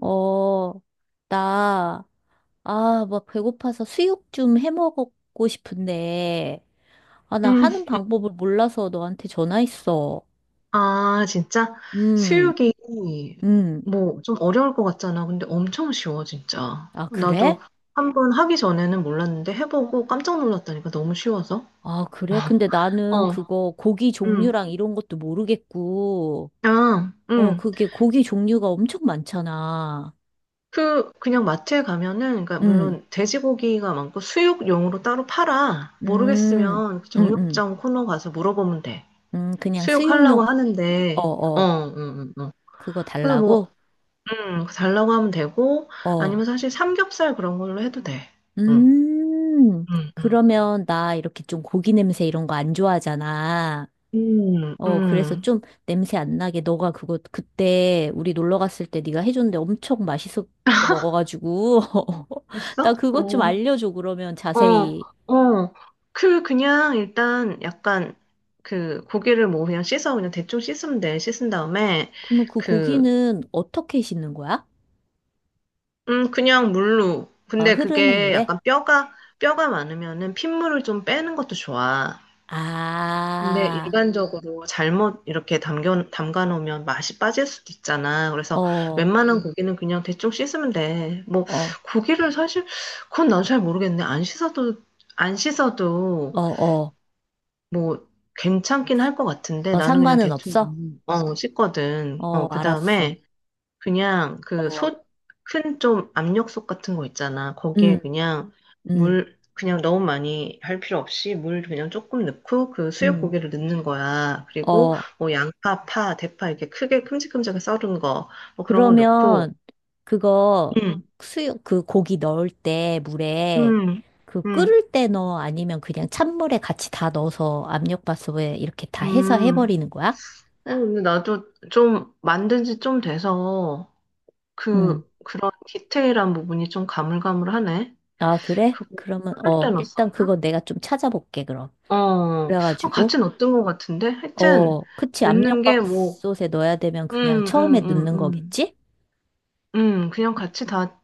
어, 나, 아, 막 배고파서 수육 좀 해 먹고 싶은데, 아, 나 음, 하는 방법을 몰라서 너한테 전화했어. 아, 진짜? 음, 수육이 음. 뭐 좀 어려울 것 같잖아. 근데 엄청 쉬워, 진짜. 아, 나도 그래? 한 번 하기 전에는 몰랐는데 어. 해보고 깜짝 놀랐다니까 너무 쉬워서. 아, 그래? 근데 나는 어, 그거 고기 음, 종류랑 이런 것도 모르겠고, 아, 어, 그게 고기 종류가 엄청 많잖아. 그냥 마트에 가면은, 그러니까 음, 물론 돼지고기가 많고 수육용으로 따로 팔아. 음, 모르겠으면 그 음, 음, 정육점 코너 가서 물어보면 돼. 그냥 수육하려고 수육용, 어, 하는데, 어, 어, 응, 응, 응. 그거 그래서 뭐, 달라고? 달라고 하면 되고, 어. 아니면 사실 삼겹살 그런 걸로 해도 돼. 응, 음, 응, 응. 그러면 나 이렇게 좀 고기 냄새 이런 거 안 좋아하잖아. 음, 어, 그래서 음. 좀 냄새 안 나게 너가 그거 그때 우리 놀러 갔을 때 네가 해줬는데 엄청 맛있게 먹어가지고 나 됐어? 그것 좀 어, 알려줘 그러면 어, 자세히. 어. 그냥 일단 약간 그 고기를 뭐 그냥 씻어, 그냥 대충 씻으면 돼. 씻은 다음에 그러면 그 그, 고기는 어떻게 씻는 거야? 그냥 물로. 아, 근데 흐르는 그게 물에? 약간 뼈가 많으면은 핏물을 좀 빼는 것도 좋아. 근데 아, 일반적으로 잘못 이렇게 담가 놓으면 맛이 빠질 수도 있잖아. 어, 그래서 어, 웬만한 음, 고기는 그냥 대충 씻으면 돼. 뭐, 어, 고기를 사실, 그건 난 잘 모르겠네. 안 씻어도 어, 뭐, 괜찮긴 할 것 같은데 나는 그냥 상관은 대충, 없어? 어, 씻거든. 어, 어, 그 알았어. 다음에 그냥 그 어, 솥, 큰 좀 압력솥 같은 거 있잖아. 거기에 음, 그냥 음, 물, 그냥 너무 많이 할 필요 없이 물 그냥 조금 넣고 그 수육 음. 고기를 넣는 거야. 그리고 어. 뭐 양파, 파, 대파 이렇게 크게 큼직큼직하게 썰은 거, 뭐 그런 거 넣고. 그러면 그거 음, 수육 그 고기 넣을 때 물에 음, 그 음, 끓을 때 넣어 아니면 그냥 찬물에 같이 다 넣어서 압력밥솥에 이렇게 다 해서 음. 해버리는 거야? 아니, 근데 나도 좀 만든 지 좀 돼서 응. 그런 디테일한 부분이 좀 가물가물하네. 아, 그래? 그거 그러면 끓을 어, 때 일단 그거 넣었었나? 내가 좀 찾아볼게, 그럼. 어, 어, 그래가지고 같이 넣었던 것 같은데? 하여튼, 어, 그치 넣는 게 뭐, 압력밥솥에 넣어야 되면 음, 그냥 처음에 음, 음, 넣는 음. 거겠지? 그냥 같이 다,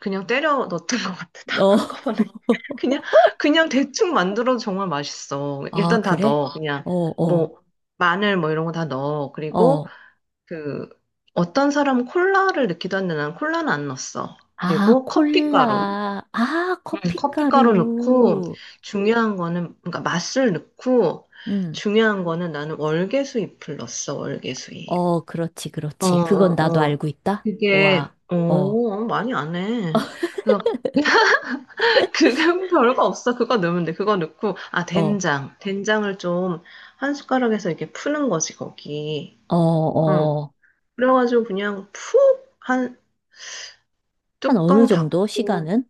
그냥 때려 넣었던 것 같아. 다 어. 한꺼번에. 그냥, 그냥 대충 만들어도 정말 맛있어. 아, 일단 다 그래? 넣어. 그냥, 어, 어, 뭐, 마늘 뭐 이런 거 다 넣어. 그리고, 어. 그, 어떤 사람은 콜라를 넣기도 하는데 난 콜라는 안 넣었어. 아, 그리고 커피가루. 콜라. 아, 커피가루 넣고 커피가루. 중요한 거는 그러니까 맛술 넣고 음. 중요한 거는 나는 월계수잎을 넣었어, 월계수잎. 어, 그렇지, 어, 그렇지. 그건 어, 나도 알고 어. 있다. 그게 와, 어, 오 많이 안 해. 그래서 그건 별거 없어. 그거 넣으면 돼. 그거 넣고 아 어, 된장을 좀 한 숟가락에서 이렇게 푸는 거지, 거기. 어, 어. 어. 그래가지고 그냥 푹 한 한 어느 뚜껑 정도 닫고 시간은?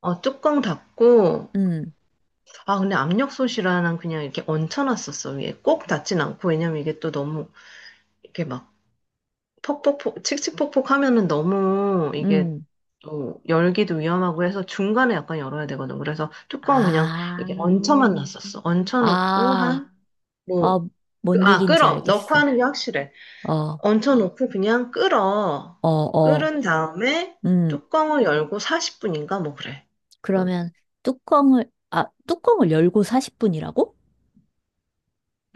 어 뚜껑 닫고 음, 아, 근데 압력솥이라 난 그냥 이렇게 얹혀놨었어, 위에. 꼭 닿진 않고, 왜냐면 이게 또 너무, 이렇게 막, 퍽퍽퍽, 칙칙폭폭 하면은 너무, 이게 음. 또, 열기도 위험하고 해서 중간에 약간 열어야 되거든. 그래서 뚜껑 그냥 아, 이렇게 얹혀만 놨었어. 얹혀놓고 아, 한, 뭐, 어, 뭔 아, 얘기인지 끓어. 넣고 알겠어. 하는 게 확실해. 어, 얹혀놓고 그냥 끓어. 어, 어. 끓은 다음에 음, 뚜껑을 열고 40분인가? 뭐 그래. 응, 그러면 뚜껑을, 아, 뚜껑을 열고 40분이라고?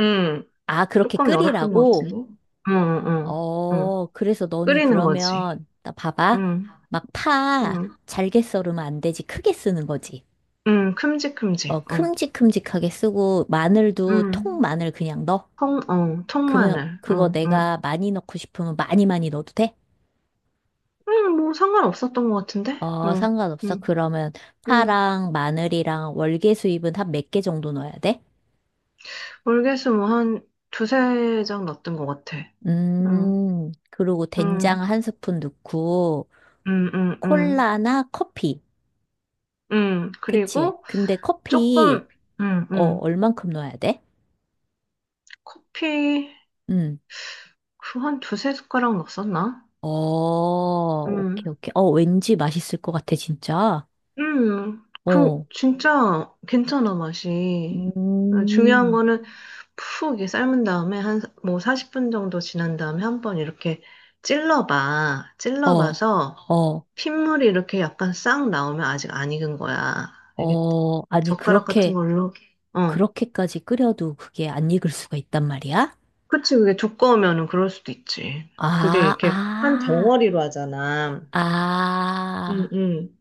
응. 아, 그렇게 뚜껑 열었던 것 끓이라고? 같은데? 응, 응, 응. 응. 어, 그래서 너는 끓이는 거지. 그러면, 나 봐봐. 응, 막 파, 응, 잘게 썰으면 안 되지. 크게 쓰는 거지. 응, 큼직큼직. 어, 어, 큼직큼직하게 쓰고 응, 마늘도 통 마늘 그냥 넣어. 통, 어, 그러면 통마늘. 그거 어, 응. 내가 많이 넣고 싶으면 많이 넣어도 돼? 응, 뭐 상관없었던 것 같은데? 어, 어, 상관없어. 응, 그러면 응. 파랑 마늘이랑 월계수잎은 한 몇 개 정도 넣어야 돼? 월계수 뭐한 두세 장 났던 것 같아. 응, 그리고 응, 된장 1 스푼 넣고 응, 응, 응. 콜라나 커피. 응, 그치? 그리고 근데 커피 조금, 응, 어, 응. 얼만큼 넣어야 돼? 커피, 음. 그 한 두세 숟가락 넣었었나? 어, 응. 오케이, 오케이. 어, 왠지 맛있을 것 같아, 진짜. 그, 어. 진짜 괜찮아, 맛이. 어, 중요한 음. 거는 푹 이렇게 삶은 다음에 한, 뭐 40분 정도 지난 다음에 한번 이렇게 찔러봐. 어, 찔러봐서 어, 핏물이 이렇게 약간 싹 나오면 아직 안 익은 거야. 이렇게 아니, 젓가락 같은 걸로. 어, 그렇게까지 끓여도 그게 안 익을 수가 있단 말이야? 그치, 그게 두꺼우면은 그럴 수도 있지. 그게 아, 이렇게 한 아, 덩어리로 하잖아. 응, 아, 응.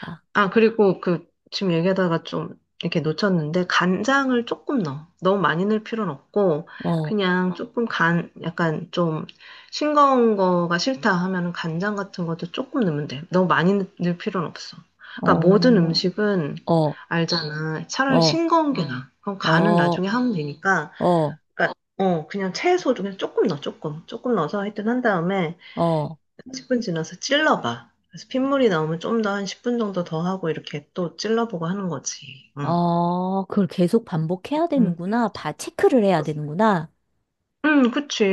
아, 아, 그리고 그, 지금 얘기하다가 좀 이렇게 놓쳤는데, 간장을 조금 넣어. 너무 많이 넣을 필요는 없고, 어, 그냥 조금 간, 약간 좀 싱거운 거가 싫다 하면은 간장 같은 것도 조금 넣으면 돼. 너무 많이 넣을 필요는 없어. 그러니까 모든 어, 음식은 어, 알잖아. 차라리 어, 싱거운 게 나아. 그럼 간은 어, 나중에 하면 되니까, 어, 그러니까, 어, 그냥 채소 중에 조금 넣어, 조금. 조금 넣어서 하여튼 한 다음에, 어, 10분 지나서 찔러봐. 그래서 핏물이 나오면 좀 더 한 10분 정도 더 하고 이렇게 또 찔러보고 하는 거지. 응, 그걸 계속 반복해야 응. 되는구나. 바, 체크를 해야 되는구나. 응, 그치.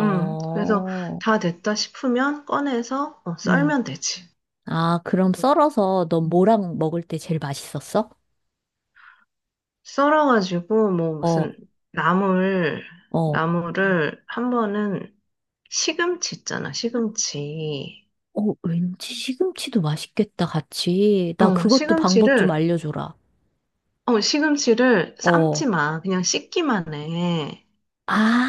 응. 그래서 다 됐다 싶으면 꺼내서 어, 음. 썰면 되지. 아, 그럼 썰어서 넌 응. 뭐랑 먹을 때 제일 맛있었어? 썰어가지고 뭐 어, 무슨 나물, 어, 나물을 한 번은 시금치 있잖아, 시금치. 어, 왠지 시금치도 맛있겠다, 같이. 나 어, 그것도 방법 좀 시금치를, 알려줘라. 어, 시금치를 삶지 어. 마. 그냥 씻기만 해.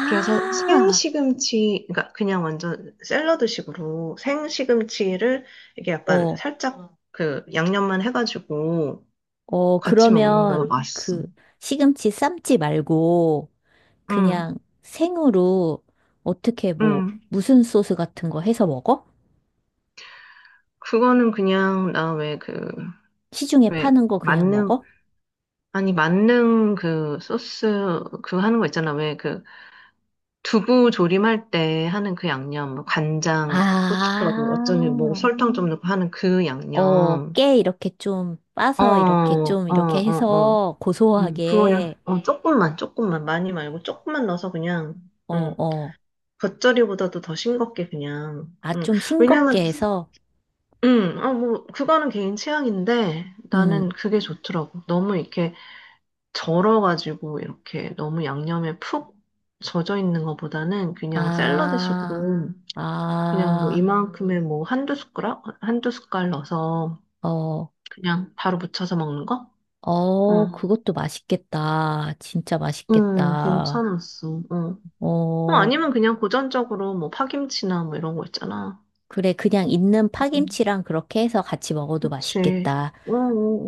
그래서 생시금치, 그러니까 그냥 완전 샐러드식으로 생시금치를 이게 약간 어, 살짝 어, 그 양념만 해가지고 같이 어, 먹는 거 그러면 맛있어. 그 시금치 삶지 말고 응, 그냥 생으로 어떻게 뭐 응. 무슨 소스 같은 거 해서 먹어? 그거는 그냥 나 왜 그, 시중에 왜 파는 거 그냥 만능, 먹어? 아니 만능 그 소스 그 하는 거 있잖아. 왜 그 두부 조림할 때 하는 그 양념, 뭐 간장, 고춧가루, 어쩌니 뭐 아, 설탕 좀 넣고 하는 그 어, 양념. 깨 이렇게 좀 어, 빠서 이렇게 어, 좀 아, 이렇게 어, 어. 해서 그거 그냥, 고소하게, 어, 조금만, 조금만, 많이 말고, 조금만 넣어서 그냥, 어, 음, 어, 겉절이보다도 더 싱겁게 그냥, 아, 좀 왜냐면, 싱겁게 해서 아, 뭐, 그거는 개인 취향인데, 나는 음, 그게 좋더라고. 너무 이렇게 절어가지고, 이렇게 너무 양념에 푹 젖어 있는 것보다는 그냥 아, 샐러드식으로, 그냥 뭐 아, 이만큼의 뭐 한두 숟가락? 한두 숟갈 넣어서 어, 그냥 바로 무쳐서 먹는 거? 어, 그것도 맛있겠다. 진짜 맛있겠다. 괜찮았어. 어. 어, 어, 아니면 그냥 고전적으로 뭐 파김치나 뭐 이런 거 있잖아. 그래, 그냥 있는 음. 파김치랑 그렇게 해서 같이 먹어도 그치. 맛있겠다.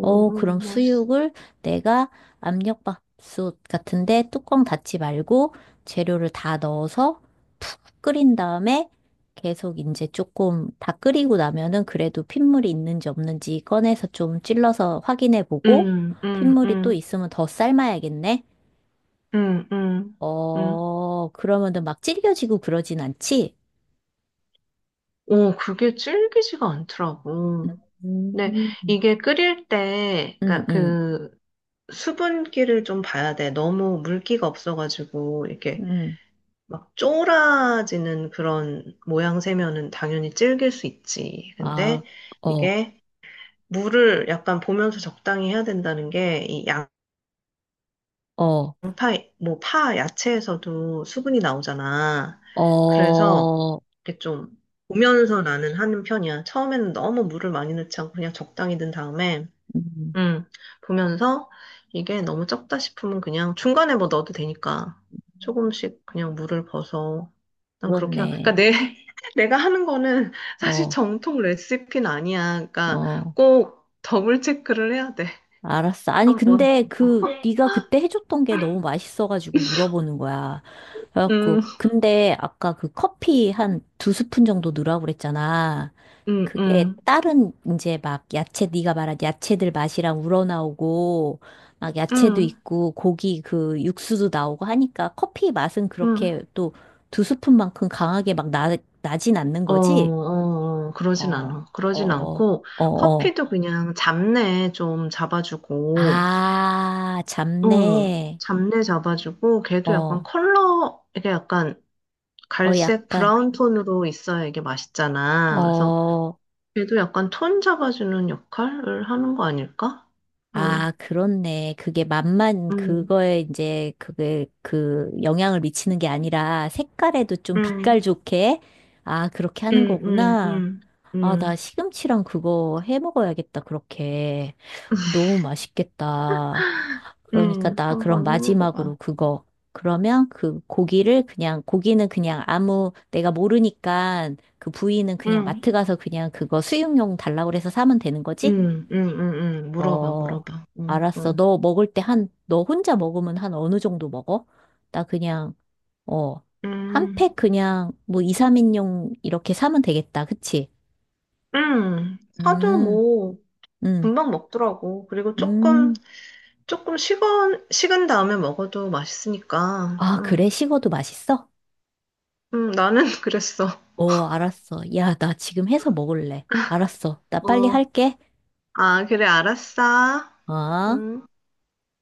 어, 그럼 맛있어. 수육을 내가 압력밥솥 같은데 뚜껑 닫지 말고 재료를 다 넣어서 푹 끓인 다음에 계속 이제 조금 다 끓이고 나면은 그래도 핏물이 있는지 없는지 꺼내서 좀 찔러서 확인해 보고 응, 응, 핏물이 또 응, 있으면 더 삶아야겠네. 응, 응, 응. 어, 그러면은 막 질겨지고 그러진 않지? 오, 그게 질기지가 않더라고. 근데 음, 이게 끓일 때, 음, 그러니까 음. 그 수분기를 좀 봐야 돼. 너무 물기가 없어가지고 이렇게 음. 막 쫄아지는 그런 모양새면은 당연히 질길 수 있지. 아, 근데 어, 이게 물을 약간 보면서 적당히 해야 된다는 게, 이 양파, 어, 뭐, 파, 야채에서도 수분이 나오잖아. 그래서, 어. 이렇게 좀, 보면서 나는 하는 편이야. 처음에는 너무 물을 많이 넣지 않고 그냥 적당히 넣은 다음에, 음. 음, 보면서 이게 너무 적다 싶으면 그냥 중간에 뭐 넣어도 되니까 조금씩 그냥 물을 벗어. 난 그렇게, 하, 그러니까 그렇네. 내, 내가 하는 거는 사실 어, 정통 레시피는 아니야. 그러니까 어. 꼭 더블 체크를 해야 돼. 알았어. 아니, 한 번. 근데 그, 네가 그때 해줬던 게 너무 맛있어가지고 물어보는 거야. 그래갖고, 음, 근데 아까 그 커피 한 2 스푼 정도 넣으라고 그랬잖아. 음, 그게 음, 다른 이제 막 야채, 네가 말한 야채들 맛이랑 우러나오고, 막 야채도 음, 있고, 고기 그 육수도 나오고 하니까 커피 맛은 음. 그렇게 또 2 스푼만큼 강하게 막 나, 나진 않는 어, 거지? 어, 어, 그러진 어, 않아. 어, 그러진 어, 않고, 어. 어. 커피도 그냥 잡내 좀 잡아주고, 아, 어, 잡내. 잡내 잡아주고, 걔도 약간 어, 컬러, 이게 약간 갈색 약간, 브라운 톤으로 있어야 이게 맛있잖아. 그래서 어, 걔도 약간 톤 잡아주는 역할을 하는 거 아닐까? 응, 아, 그렇네. 그게 맛만 응, 그거에 이제 그게 그 영향을 미치는 게 아니라 색깔에도 좀 응, 빛깔 좋게, 아, 그렇게 하는 응, 응, 거구나. 응, 아, 나 응, 시금치랑 그거 해 먹어야겠다, 그렇게. 너무 맛있겠다. 그러니까 응, 나 그럼 한번 마지막으로 해먹어봐. 그거. 그러면 그 고기를 그냥, 고기는 그냥 아무, 내가 모르니까 그 부위는 그냥 응. 마트 가서 그냥 그거 수육용 달라고 해서 사면 되는 거지? 응, 응, 응, 응. 물어봐, 어, 물어봐. 응, 알았어. 응. 너 먹을 때 한, 너 혼자 먹으면 한 어느 정도 먹어? 나 그냥, 어, 한 음, 팩 그냥 뭐 이삼 인용 이렇게 사면 되겠다. 그치? 사도 음, 뭐, 음. 금방 먹더라고. 그리고 조금, 음. 식은 다음에 먹어도 맛있으니까. 아, 응, 그래? 식어도 맛있어? 응, 나는 그랬어. 오, 알았어. 야, 나 지금 해서 먹을래. 알았어. 나 빨리 어, 할게. 아, 그래, 알았어. 어? 음.